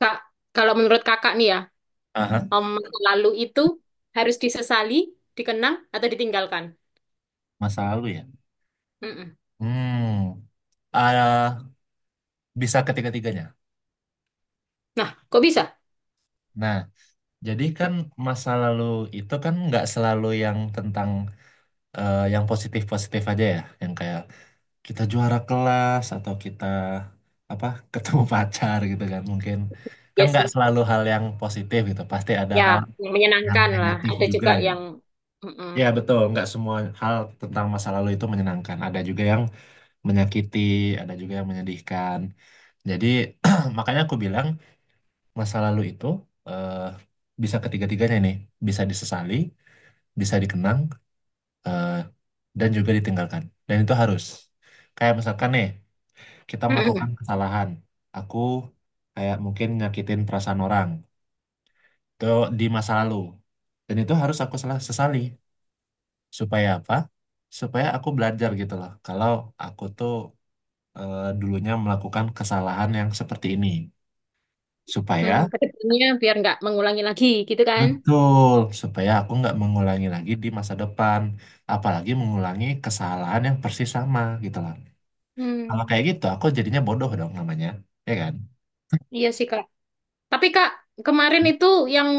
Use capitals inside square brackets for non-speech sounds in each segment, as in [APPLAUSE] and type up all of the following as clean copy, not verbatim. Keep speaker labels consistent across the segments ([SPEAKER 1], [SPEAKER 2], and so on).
[SPEAKER 1] Kak, kalau menurut kakak nih ya,
[SPEAKER 2] Aha,
[SPEAKER 1] masa lalu itu harus disesali, dikenang, atau ditinggalkan.
[SPEAKER 2] masa lalu ya.
[SPEAKER 1] Mm-mm.
[SPEAKER 2] Hmm, ah, bisa ketiga-tiganya.
[SPEAKER 1] Nah, kok bisa?
[SPEAKER 2] Nah, jadi kan masa lalu itu kan nggak selalu yang tentang yang positif-positif aja ya, yang kayak kita juara kelas atau kita apa ketemu [LAUGHS] pacar gitu kan mungkin kan
[SPEAKER 1] Ya
[SPEAKER 2] nggak
[SPEAKER 1] sih.
[SPEAKER 2] selalu hal yang positif gitu, pasti ada
[SPEAKER 1] Ya,
[SPEAKER 2] hal
[SPEAKER 1] yang
[SPEAKER 2] yang
[SPEAKER 1] menyenangkan lah.
[SPEAKER 2] negatif
[SPEAKER 1] Ada
[SPEAKER 2] juga
[SPEAKER 1] juga
[SPEAKER 2] gitu.
[SPEAKER 1] yang mm-mm.
[SPEAKER 2] Ya betul, nggak semua hal tentang masa lalu itu menyenangkan. Ada juga yang menyakiti, ada juga yang menyedihkan. Jadi [CLEARS THROAT] makanya aku bilang masa lalu itu eh, bisa ketiga-tiganya nih, bisa disesali, bisa dikenang, eh, dan juga ditinggalkan. Dan itu harus. Kayak misalkan nih, kita melakukan
[SPEAKER 1] Mm-mm.
[SPEAKER 2] kesalahan. Aku kayak mungkin nyakitin perasaan orang. Itu di masa lalu. Dan itu harus aku salah sesali. Supaya apa? Supaya aku belajar gitu loh. Kalau aku tuh dulunya melakukan kesalahan yang seperti ini.
[SPEAKER 1] Hmm,
[SPEAKER 2] Supaya
[SPEAKER 1] ke depannya biar nggak mengulangi lagi gitu kan.
[SPEAKER 2] betul, supaya aku nggak mengulangi lagi di masa depan, apalagi mengulangi kesalahan yang persis sama gitu loh. Kalau kayak
[SPEAKER 1] Hmm,
[SPEAKER 2] gitu, aku jadinya bodoh dong namanya, ya kan?
[SPEAKER 1] iya sih Kak. Tapi Kak, kemarin itu yang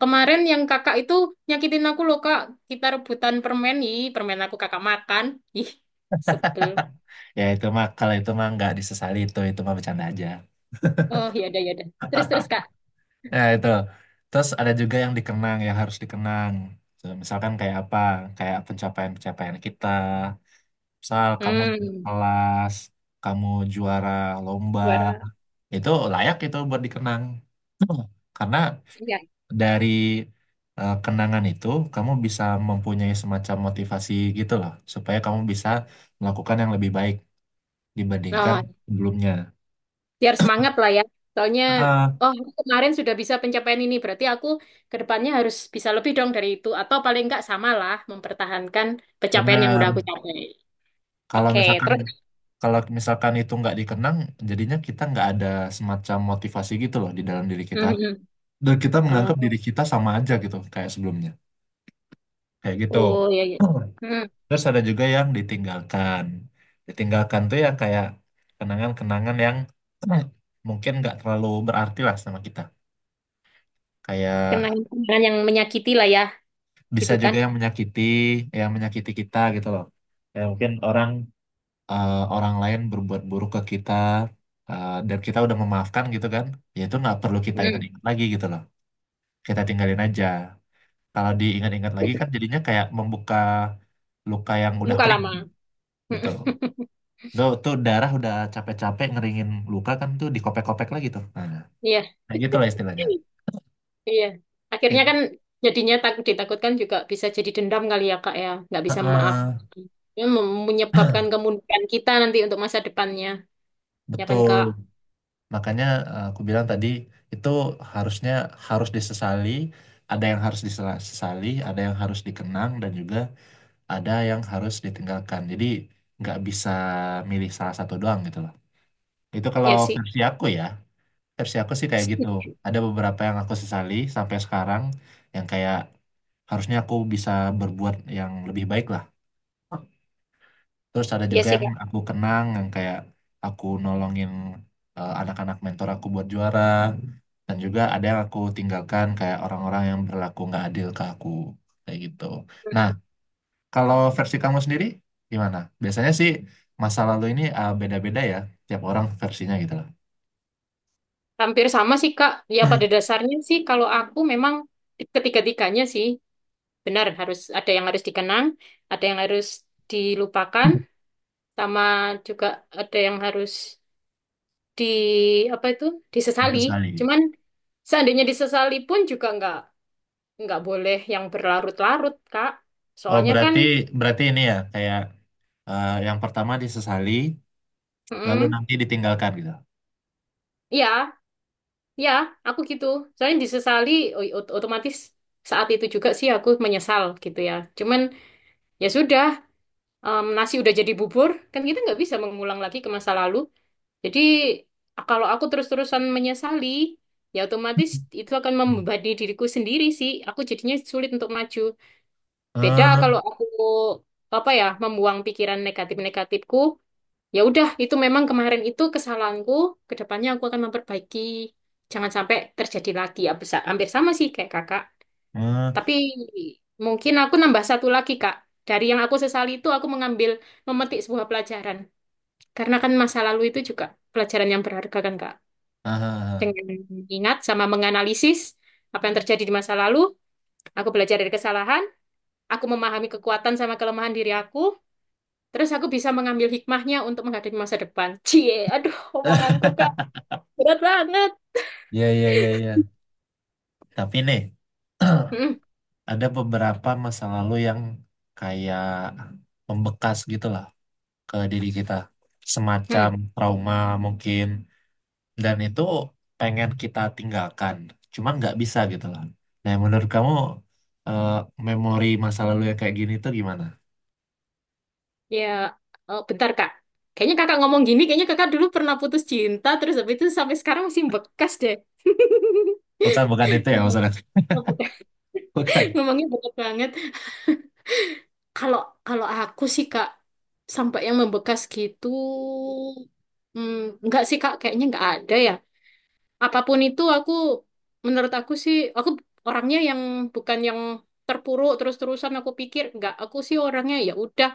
[SPEAKER 1] yang kakak itu nyakitin aku loh Kak. Kita rebutan permen, ih permen aku kakak makan. Ih, sebel.
[SPEAKER 2] Ya itu mah, kalau itu mah nggak disesali itu mah bercanda aja.
[SPEAKER 1] Oh, ya udah ya udah. Terus terus Kak.
[SPEAKER 2] Nah itu, terus ada juga yang dikenang, yang harus dikenang. So, misalkan kayak apa, kayak pencapaian-pencapaian kita. Misal kamu juara
[SPEAKER 1] Hmm.
[SPEAKER 2] kelas, kamu juara lomba,
[SPEAKER 1] Juara.
[SPEAKER 2] itu layak itu buat dikenang. [CLEARS THROAT] Karena
[SPEAKER 1] Iya.
[SPEAKER 2] dari kenangan itu kamu bisa mempunyai semacam motivasi gitu loh supaya kamu bisa melakukan yang lebih baik dibandingkan
[SPEAKER 1] Oh,
[SPEAKER 2] sebelumnya.
[SPEAKER 1] biar semangat lah ya. Soalnya,
[SPEAKER 2] Ah,
[SPEAKER 1] oh aku kemarin sudah bisa pencapaian ini, berarti aku ke depannya harus bisa lebih dong dari itu. Atau paling enggak samalah mempertahankan pencapaian yang udah aku
[SPEAKER 2] benar.
[SPEAKER 1] capai.
[SPEAKER 2] Kalau
[SPEAKER 1] Oke,
[SPEAKER 2] misalkan
[SPEAKER 1] terus. [LAUGHS]
[SPEAKER 2] kalau misalkan itu nggak dikenang, jadinya kita nggak ada semacam motivasi gitu loh di dalam diri kita.
[SPEAKER 1] Mhm.
[SPEAKER 2] Dan kita menganggap diri
[SPEAKER 1] Oh,
[SPEAKER 2] kita sama aja gitu kayak sebelumnya. Kayak gitu.
[SPEAKER 1] oh ya, ya. Hmm.
[SPEAKER 2] Terus ada juga yang ditinggalkan. Ditinggalkan tuh ya kayak kenangan-kenangan yang [CLEARS THROAT] mungkin nggak terlalu berarti lah sama kita. Kayak
[SPEAKER 1] Kenangan-kenangan yang menyakiti lah ya,
[SPEAKER 2] bisa
[SPEAKER 1] gitu kan?
[SPEAKER 2] juga yang menyakiti kita gitu loh. Kayak mungkin orang orang lain berbuat buruk ke kita dan kita udah memaafkan gitu kan. Ya itu nggak perlu kita
[SPEAKER 1] Hmm.
[SPEAKER 2] ingat-ingat lagi gitu loh. Kita tinggalin aja. Kalau diingat-ingat lagi kan jadinya kayak membuka luka yang udah
[SPEAKER 1] Luka
[SPEAKER 2] kering.
[SPEAKER 1] lama. [LAUGHS]
[SPEAKER 2] Betul.
[SPEAKER 1] Mhm.
[SPEAKER 2] Tuh, tuh darah udah capek-capek ngeringin luka kan tuh dikopek-kopek lagi tuh. Nah,
[SPEAKER 1] Iya.
[SPEAKER 2] kayak gitu lah istilahnya.
[SPEAKER 1] Iya.
[SPEAKER 2] Kayak
[SPEAKER 1] Akhirnya kan
[SPEAKER 2] gitu.
[SPEAKER 1] jadinya tak, ditakutkan juga bisa jadi dendam kali ya Kak ya. Nggak bisa
[SPEAKER 2] Heeh,
[SPEAKER 1] memaafkan. Ya, menyebabkan kemunduran kita nanti untuk masa depannya. Ya kan
[SPEAKER 2] betul.
[SPEAKER 1] Kak?
[SPEAKER 2] Makanya aku bilang tadi itu harusnya harus disesali, ada yang harus disesali, ada yang harus dikenang dan juga ada yang harus ditinggalkan. Jadi nggak bisa milih salah satu doang gitu loh. Itu kalau
[SPEAKER 1] Ya sih.
[SPEAKER 2] versi aku ya, versi aku sih kayak gitu.
[SPEAKER 1] [LAUGHS]
[SPEAKER 2] Ada beberapa yang aku sesali sampai sekarang yang kayak harusnya aku bisa berbuat yang lebih baik lah. Terus ada
[SPEAKER 1] Ya
[SPEAKER 2] juga
[SPEAKER 1] sih
[SPEAKER 2] yang
[SPEAKER 1] Kak.
[SPEAKER 2] aku kenang yang kayak aku nolongin anak-anak mentor aku buat juara. Dan juga ada yang aku tinggalkan kayak orang-orang yang berlaku nggak adil ke aku kayak gitu. Nah, kalau versi kamu sendiri gimana? Biasanya sih masa lalu ini beda-beda ya, tiap orang versinya gitu lah.
[SPEAKER 1] Hampir sama sih Kak. Ya pada dasarnya sih kalau aku memang ketiga-tiganya sih benar harus ada yang harus dikenang, ada yang harus dilupakan,
[SPEAKER 2] [CLEARS THROAT] [LAUGHS]
[SPEAKER 1] sama juga ada yang harus di apa itu disesali.
[SPEAKER 2] Disesali.
[SPEAKER 1] Cuman seandainya disesali pun juga nggak boleh yang berlarut-larut, Kak.
[SPEAKER 2] Oh,
[SPEAKER 1] Soalnya kan,
[SPEAKER 2] berarti berarti ini ya kayak yang pertama disesali, lalu
[SPEAKER 1] mm,
[SPEAKER 2] nanti ditinggalkan gitu.
[SPEAKER 1] ya, ya, aku gitu. Soalnya disesali, otomatis saat itu juga sih aku menyesal gitu ya. Cuman ya sudah, nasi udah jadi bubur, kan kita nggak bisa mengulang lagi ke masa lalu. Jadi kalau aku terus-terusan menyesali, ya otomatis itu akan
[SPEAKER 2] [CLEARS THROAT]
[SPEAKER 1] membebani diriku sendiri sih. Aku jadinya sulit untuk maju. Beda
[SPEAKER 2] Eh,
[SPEAKER 1] kalau aku apa ya, membuang pikiran negatif-negatifku. Ya udah, itu memang kemarin itu kesalahanku. Kedepannya aku akan memperbaiki. Jangan sampai terjadi lagi. Ya, hampir sama sih kayak kakak. Tapi
[SPEAKER 2] eh,
[SPEAKER 1] mungkin aku nambah satu lagi, Kak. Dari yang aku sesali itu, aku mengambil, memetik sebuah pelajaran. Karena kan masa lalu itu juga pelajaran yang berharga kan, Kak.
[SPEAKER 2] ah, ah,
[SPEAKER 1] Dengan ingat sama menganalisis apa yang terjadi di masa lalu, aku belajar dari kesalahan, aku memahami kekuatan sama kelemahan diri aku, terus aku bisa mengambil hikmahnya untuk menghadapi masa depan. Cie, aduh,
[SPEAKER 2] ah.
[SPEAKER 1] omonganku, Kak. Berat banget.
[SPEAKER 2] Ya, ya, ya, ya. Tapi nih,
[SPEAKER 1] Hmm,
[SPEAKER 2] [CLEARS THROAT] ada beberapa masa lalu yang kayak membekas gitu lah ke diri kita. Semacam
[SPEAKER 1] hmm.
[SPEAKER 2] trauma mungkin. Dan itu pengen kita tinggalkan. Cuma nggak bisa gitu lah. Nah, menurut kamu eh, memori masa lalu yang kayak gini tuh gimana?
[SPEAKER 1] Ya, bentar Kak. Kayaknya kakak ngomong gini, kayaknya kakak dulu pernah putus cinta, terus habis itu sampai sekarang masih bekas deh. [LAUGHS]
[SPEAKER 2] Bukan, bukan itu ya maksudnya.
[SPEAKER 1] [LAUGHS]
[SPEAKER 2] [LAUGHS] Bukan.
[SPEAKER 1] Ngomongnya berat banget. Kalau kalau aku sih Kak, sampai yang membekas gitu, hmm, nggak sih Kak, kayaknya nggak ada ya. Apapun itu aku, menurut aku sih, aku orangnya yang bukan yang terpuruk terus-terusan aku pikir nggak aku sih orangnya ya udah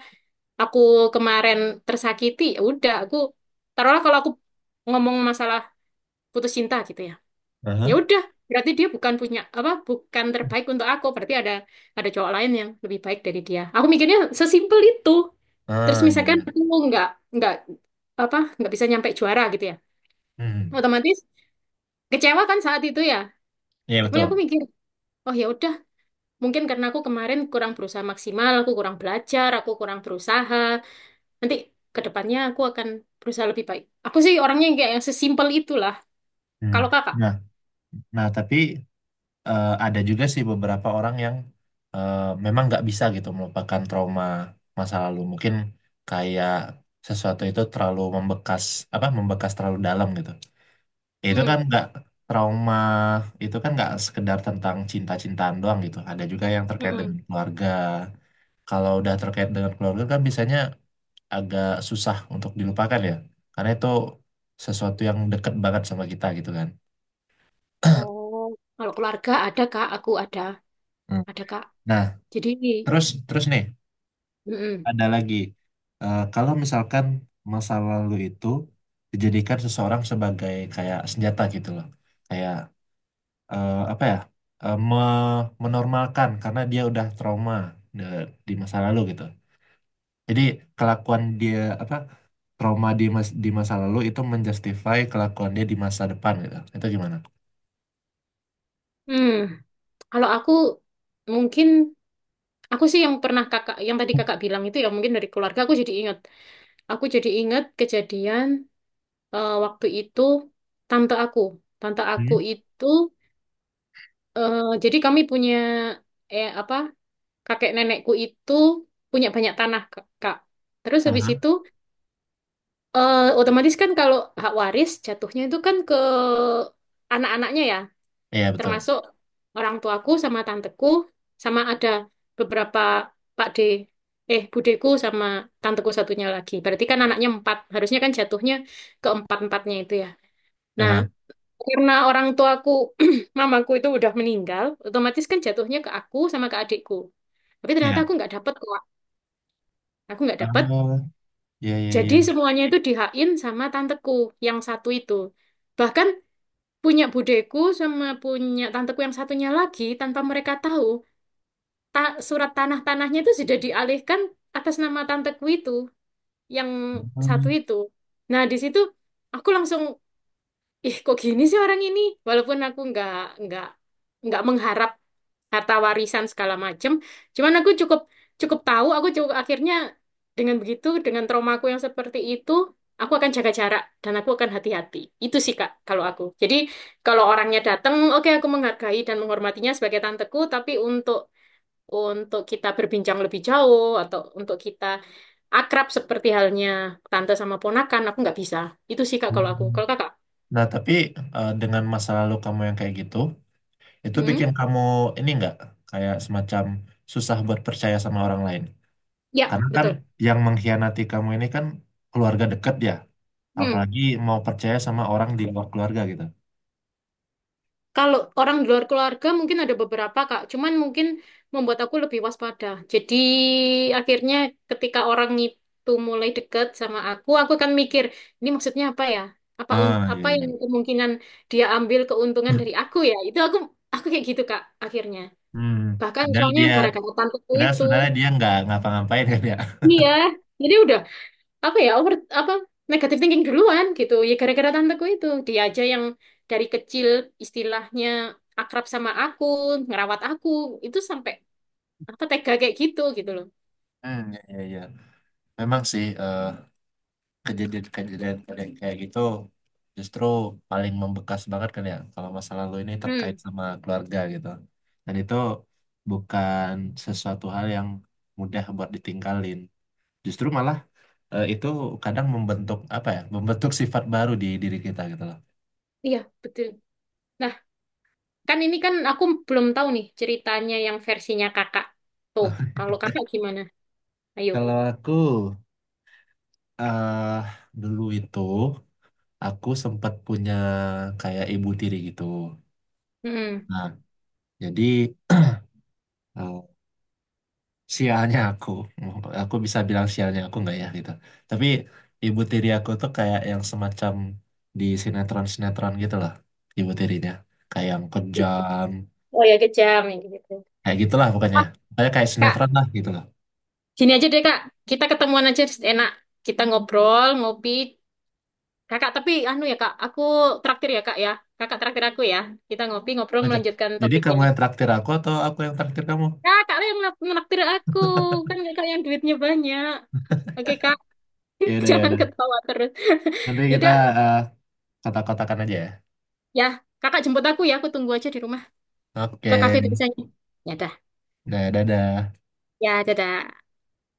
[SPEAKER 1] aku kemarin tersakiti ya udah aku taruhlah kalau aku ngomong masalah putus cinta gitu ya ya
[SPEAKER 2] Aha.
[SPEAKER 1] udah berarti dia bukan punya apa bukan terbaik untuk aku berarti ada cowok lain yang lebih baik dari dia aku mikirnya sesimpel itu terus
[SPEAKER 2] Ah, iya,
[SPEAKER 1] misalkan
[SPEAKER 2] iya.
[SPEAKER 1] aku nggak nggak apa nggak bisa nyampe juara gitu ya
[SPEAKER 2] Hmm.
[SPEAKER 1] otomatis kecewa kan saat itu ya
[SPEAKER 2] Iya,
[SPEAKER 1] tapi
[SPEAKER 2] betul.
[SPEAKER 1] aku mikir oh ya udah mungkin karena aku kemarin kurang berusaha maksimal aku kurang belajar aku kurang berusaha. Nanti ke depannya aku akan berusaha lebih baik. Aku sih orangnya yang kayak yang sesimpel itulah.
[SPEAKER 2] Hmm.
[SPEAKER 1] Kalau kakak,
[SPEAKER 2] Nah, nah, tapi ada juga sih beberapa orang yang eh, memang nggak bisa gitu melupakan trauma masa lalu. Mungkin kayak sesuatu itu terlalu membekas, apa membekas terlalu dalam gitu. Ya, itu kan
[SPEAKER 1] mm-mm.
[SPEAKER 2] nggak trauma itu kan nggak sekedar tentang cinta-cintaan doang gitu. Ada juga yang terkait
[SPEAKER 1] Mm-mm.
[SPEAKER 2] dengan keluarga. Kalau udah terkait dengan keluarga kan biasanya agak susah untuk dilupakan ya, karena itu sesuatu yang deket banget sama kita gitu kan.
[SPEAKER 1] Kalau keluarga ada kak, aku
[SPEAKER 2] Hmm.
[SPEAKER 1] ada kak.
[SPEAKER 2] Nah,
[SPEAKER 1] Jadi,
[SPEAKER 2] terus terus nih.
[SPEAKER 1] mm-mm.
[SPEAKER 2] Ada lagi. Kalau misalkan masa lalu itu dijadikan seseorang sebagai kayak senjata gitu loh, kayak apa ya, menormalkan karena dia udah trauma de- di masa lalu gitu, jadi kelakuan dia apa, trauma di masa lalu itu menjustify kelakuan dia di masa depan gitu itu gimana?
[SPEAKER 1] Hmm. Kalau aku mungkin aku sih yang pernah kakak, yang tadi kakak bilang itu ya mungkin dari keluarga aku jadi ingat. Aku jadi ingat kejadian waktu itu tante aku, tante aku
[SPEAKER 2] Hmm?
[SPEAKER 1] itu eh, jadi kami punya eh apa? Kakek nenekku itu punya banyak tanah, Kak. Terus habis
[SPEAKER 2] Aha.
[SPEAKER 1] itu, otomatis kan kalau hak waris jatuhnya itu kan ke anak-anaknya ya,
[SPEAKER 2] Iya betul.
[SPEAKER 1] termasuk orang tuaku sama tanteku, sama ada beberapa Pak D, eh budeku sama tanteku satunya lagi. Berarti kan anaknya empat, harusnya kan jatuhnya ke empat-empatnya itu ya. Nah,
[SPEAKER 2] Aha.
[SPEAKER 1] karena orang tuaku, [CLEARS THROAT] mamaku itu udah meninggal, otomatis kan jatuhnya ke aku sama ke adikku. Tapi ternyata
[SPEAKER 2] Iya.
[SPEAKER 1] aku nggak dapet kok aku nggak dapet.
[SPEAKER 2] Oh, iya iya
[SPEAKER 1] Jadi
[SPEAKER 2] iya.
[SPEAKER 1] semuanya itu dihain sama tanteku yang satu itu. Bahkan punya budeku sama punya tanteku yang satunya lagi tanpa mereka tahu surat tanah-tanahnya itu sudah dialihkan atas nama tanteku itu yang satu itu. Nah di situ aku langsung ih kok gini sih orang ini walaupun aku nggak nggak mengharap harta warisan segala macem cuman aku cukup cukup tahu aku cukup akhirnya dengan begitu dengan traumaku yang seperti itu aku akan jaga jarak dan aku akan hati-hati itu sih kak kalau aku jadi kalau orangnya datang oke aku menghargai dan menghormatinya sebagai tanteku tapi untuk kita berbincang lebih jauh atau untuk kita akrab seperti halnya tante sama ponakan aku nggak bisa itu sih kak kalau aku
[SPEAKER 2] Hmm.
[SPEAKER 1] kalau kakak.
[SPEAKER 2] Nah, tapi dengan masa lalu kamu yang kayak gitu, itu
[SPEAKER 1] Mm-hmm.
[SPEAKER 2] bikin kamu ini nggak kayak semacam susah buat percaya sama orang lain.
[SPEAKER 1] Ya,
[SPEAKER 2] Karena kan
[SPEAKER 1] betul.
[SPEAKER 2] yang mengkhianati kamu ini kan keluarga dekat ya,
[SPEAKER 1] Hmm.
[SPEAKER 2] apalagi mau percaya sama orang di luar keluarga gitu.
[SPEAKER 1] Kalau orang di luar keluarga mungkin ada beberapa, Kak. Cuman mungkin membuat aku lebih waspada. Jadi akhirnya ketika orang itu mulai dekat sama aku akan mikir, ini maksudnya apa ya?
[SPEAKER 2] Ah, iya
[SPEAKER 1] Apa yang
[SPEAKER 2] iya.
[SPEAKER 1] kemungkinan dia ambil keuntungan dari aku ya? Itu aku kayak gitu, Kak, akhirnya.
[SPEAKER 2] Hmm,
[SPEAKER 1] Bahkan
[SPEAKER 2] padahal
[SPEAKER 1] soalnya
[SPEAKER 2] dia,
[SPEAKER 1] gara-gara tanteku
[SPEAKER 2] padahal
[SPEAKER 1] itu.
[SPEAKER 2] sebenarnya dia nggak ngapa-ngapain kan ya.
[SPEAKER 1] Iya. Jadi udah apa ya over apa negative thinking duluan gitu ya gara-gara tanteku itu dia aja yang dari kecil istilahnya akrab sama aku ngerawat aku itu sampai apa tega kayak gitu gitu loh.
[SPEAKER 2] Hmm, iya iya. Iya. Memang sih kejadian-kejadian kayak kayak gitu justru paling membekas banget kan ya kalau masa lalu ini terkait
[SPEAKER 1] Hmm
[SPEAKER 2] sama keluarga gitu, dan itu bukan sesuatu hal yang mudah buat ditinggalin, justru malah itu kadang membentuk apa ya, membentuk sifat baru di diri kita gitu loh.
[SPEAKER 1] iya betul nah kan ini kan aku belum tahu nih ceritanya yang versinya kakak tuh
[SPEAKER 2] Nah,
[SPEAKER 1] kalau kakak gimana ayo
[SPEAKER 2] kalau aku eh dulu itu aku sempat punya kayak ibu tiri gitu.
[SPEAKER 1] hmm
[SPEAKER 2] Nah, jadi [CLEARS THROAT] sialnya aku bisa bilang sialnya aku nggak ya gitu, tapi ibu tiri aku tuh kayak yang semacam di sinetron-sinetron gitu lah, ibu tirinya kayak yang kejam,
[SPEAKER 1] oh ya kejam ya gitu.
[SPEAKER 2] kayak gitulah pokoknya,
[SPEAKER 1] Ah,
[SPEAKER 2] kayak kayak
[SPEAKER 1] kak
[SPEAKER 2] sinetron lah gitu lah.
[SPEAKER 1] gini aja deh kak kita ketemuan aja enak kita ngobrol ngopi. Kakak, tapi anu ya kak, aku traktir ya kak ya. Kakak traktir aku ya. Kita ngopi ngobrol
[SPEAKER 2] Aja.
[SPEAKER 1] melanjutkan
[SPEAKER 2] Jadi
[SPEAKER 1] topik
[SPEAKER 2] kamu
[SPEAKER 1] ini.
[SPEAKER 2] yang traktir aku atau aku yang traktir kamu?
[SPEAKER 1] Kakak lah yang menraktir aku, kan kakak yang duitnya banyak. Oke kak,
[SPEAKER 2] ya
[SPEAKER 1] [LAUGHS]
[SPEAKER 2] udah ya
[SPEAKER 1] jangan
[SPEAKER 2] udah
[SPEAKER 1] ketawa terus.
[SPEAKER 2] nanti kita
[SPEAKER 1] Yaudah,
[SPEAKER 2] eh, kotak-kotakan aja ya.
[SPEAKER 1] ya kakak jemput aku ya, aku tunggu aja di rumah
[SPEAKER 2] Oke.
[SPEAKER 1] ke kafe biasanya. Ya dah,
[SPEAKER 2] Nah, dadah.
[SPEAKER 1] ya dadah.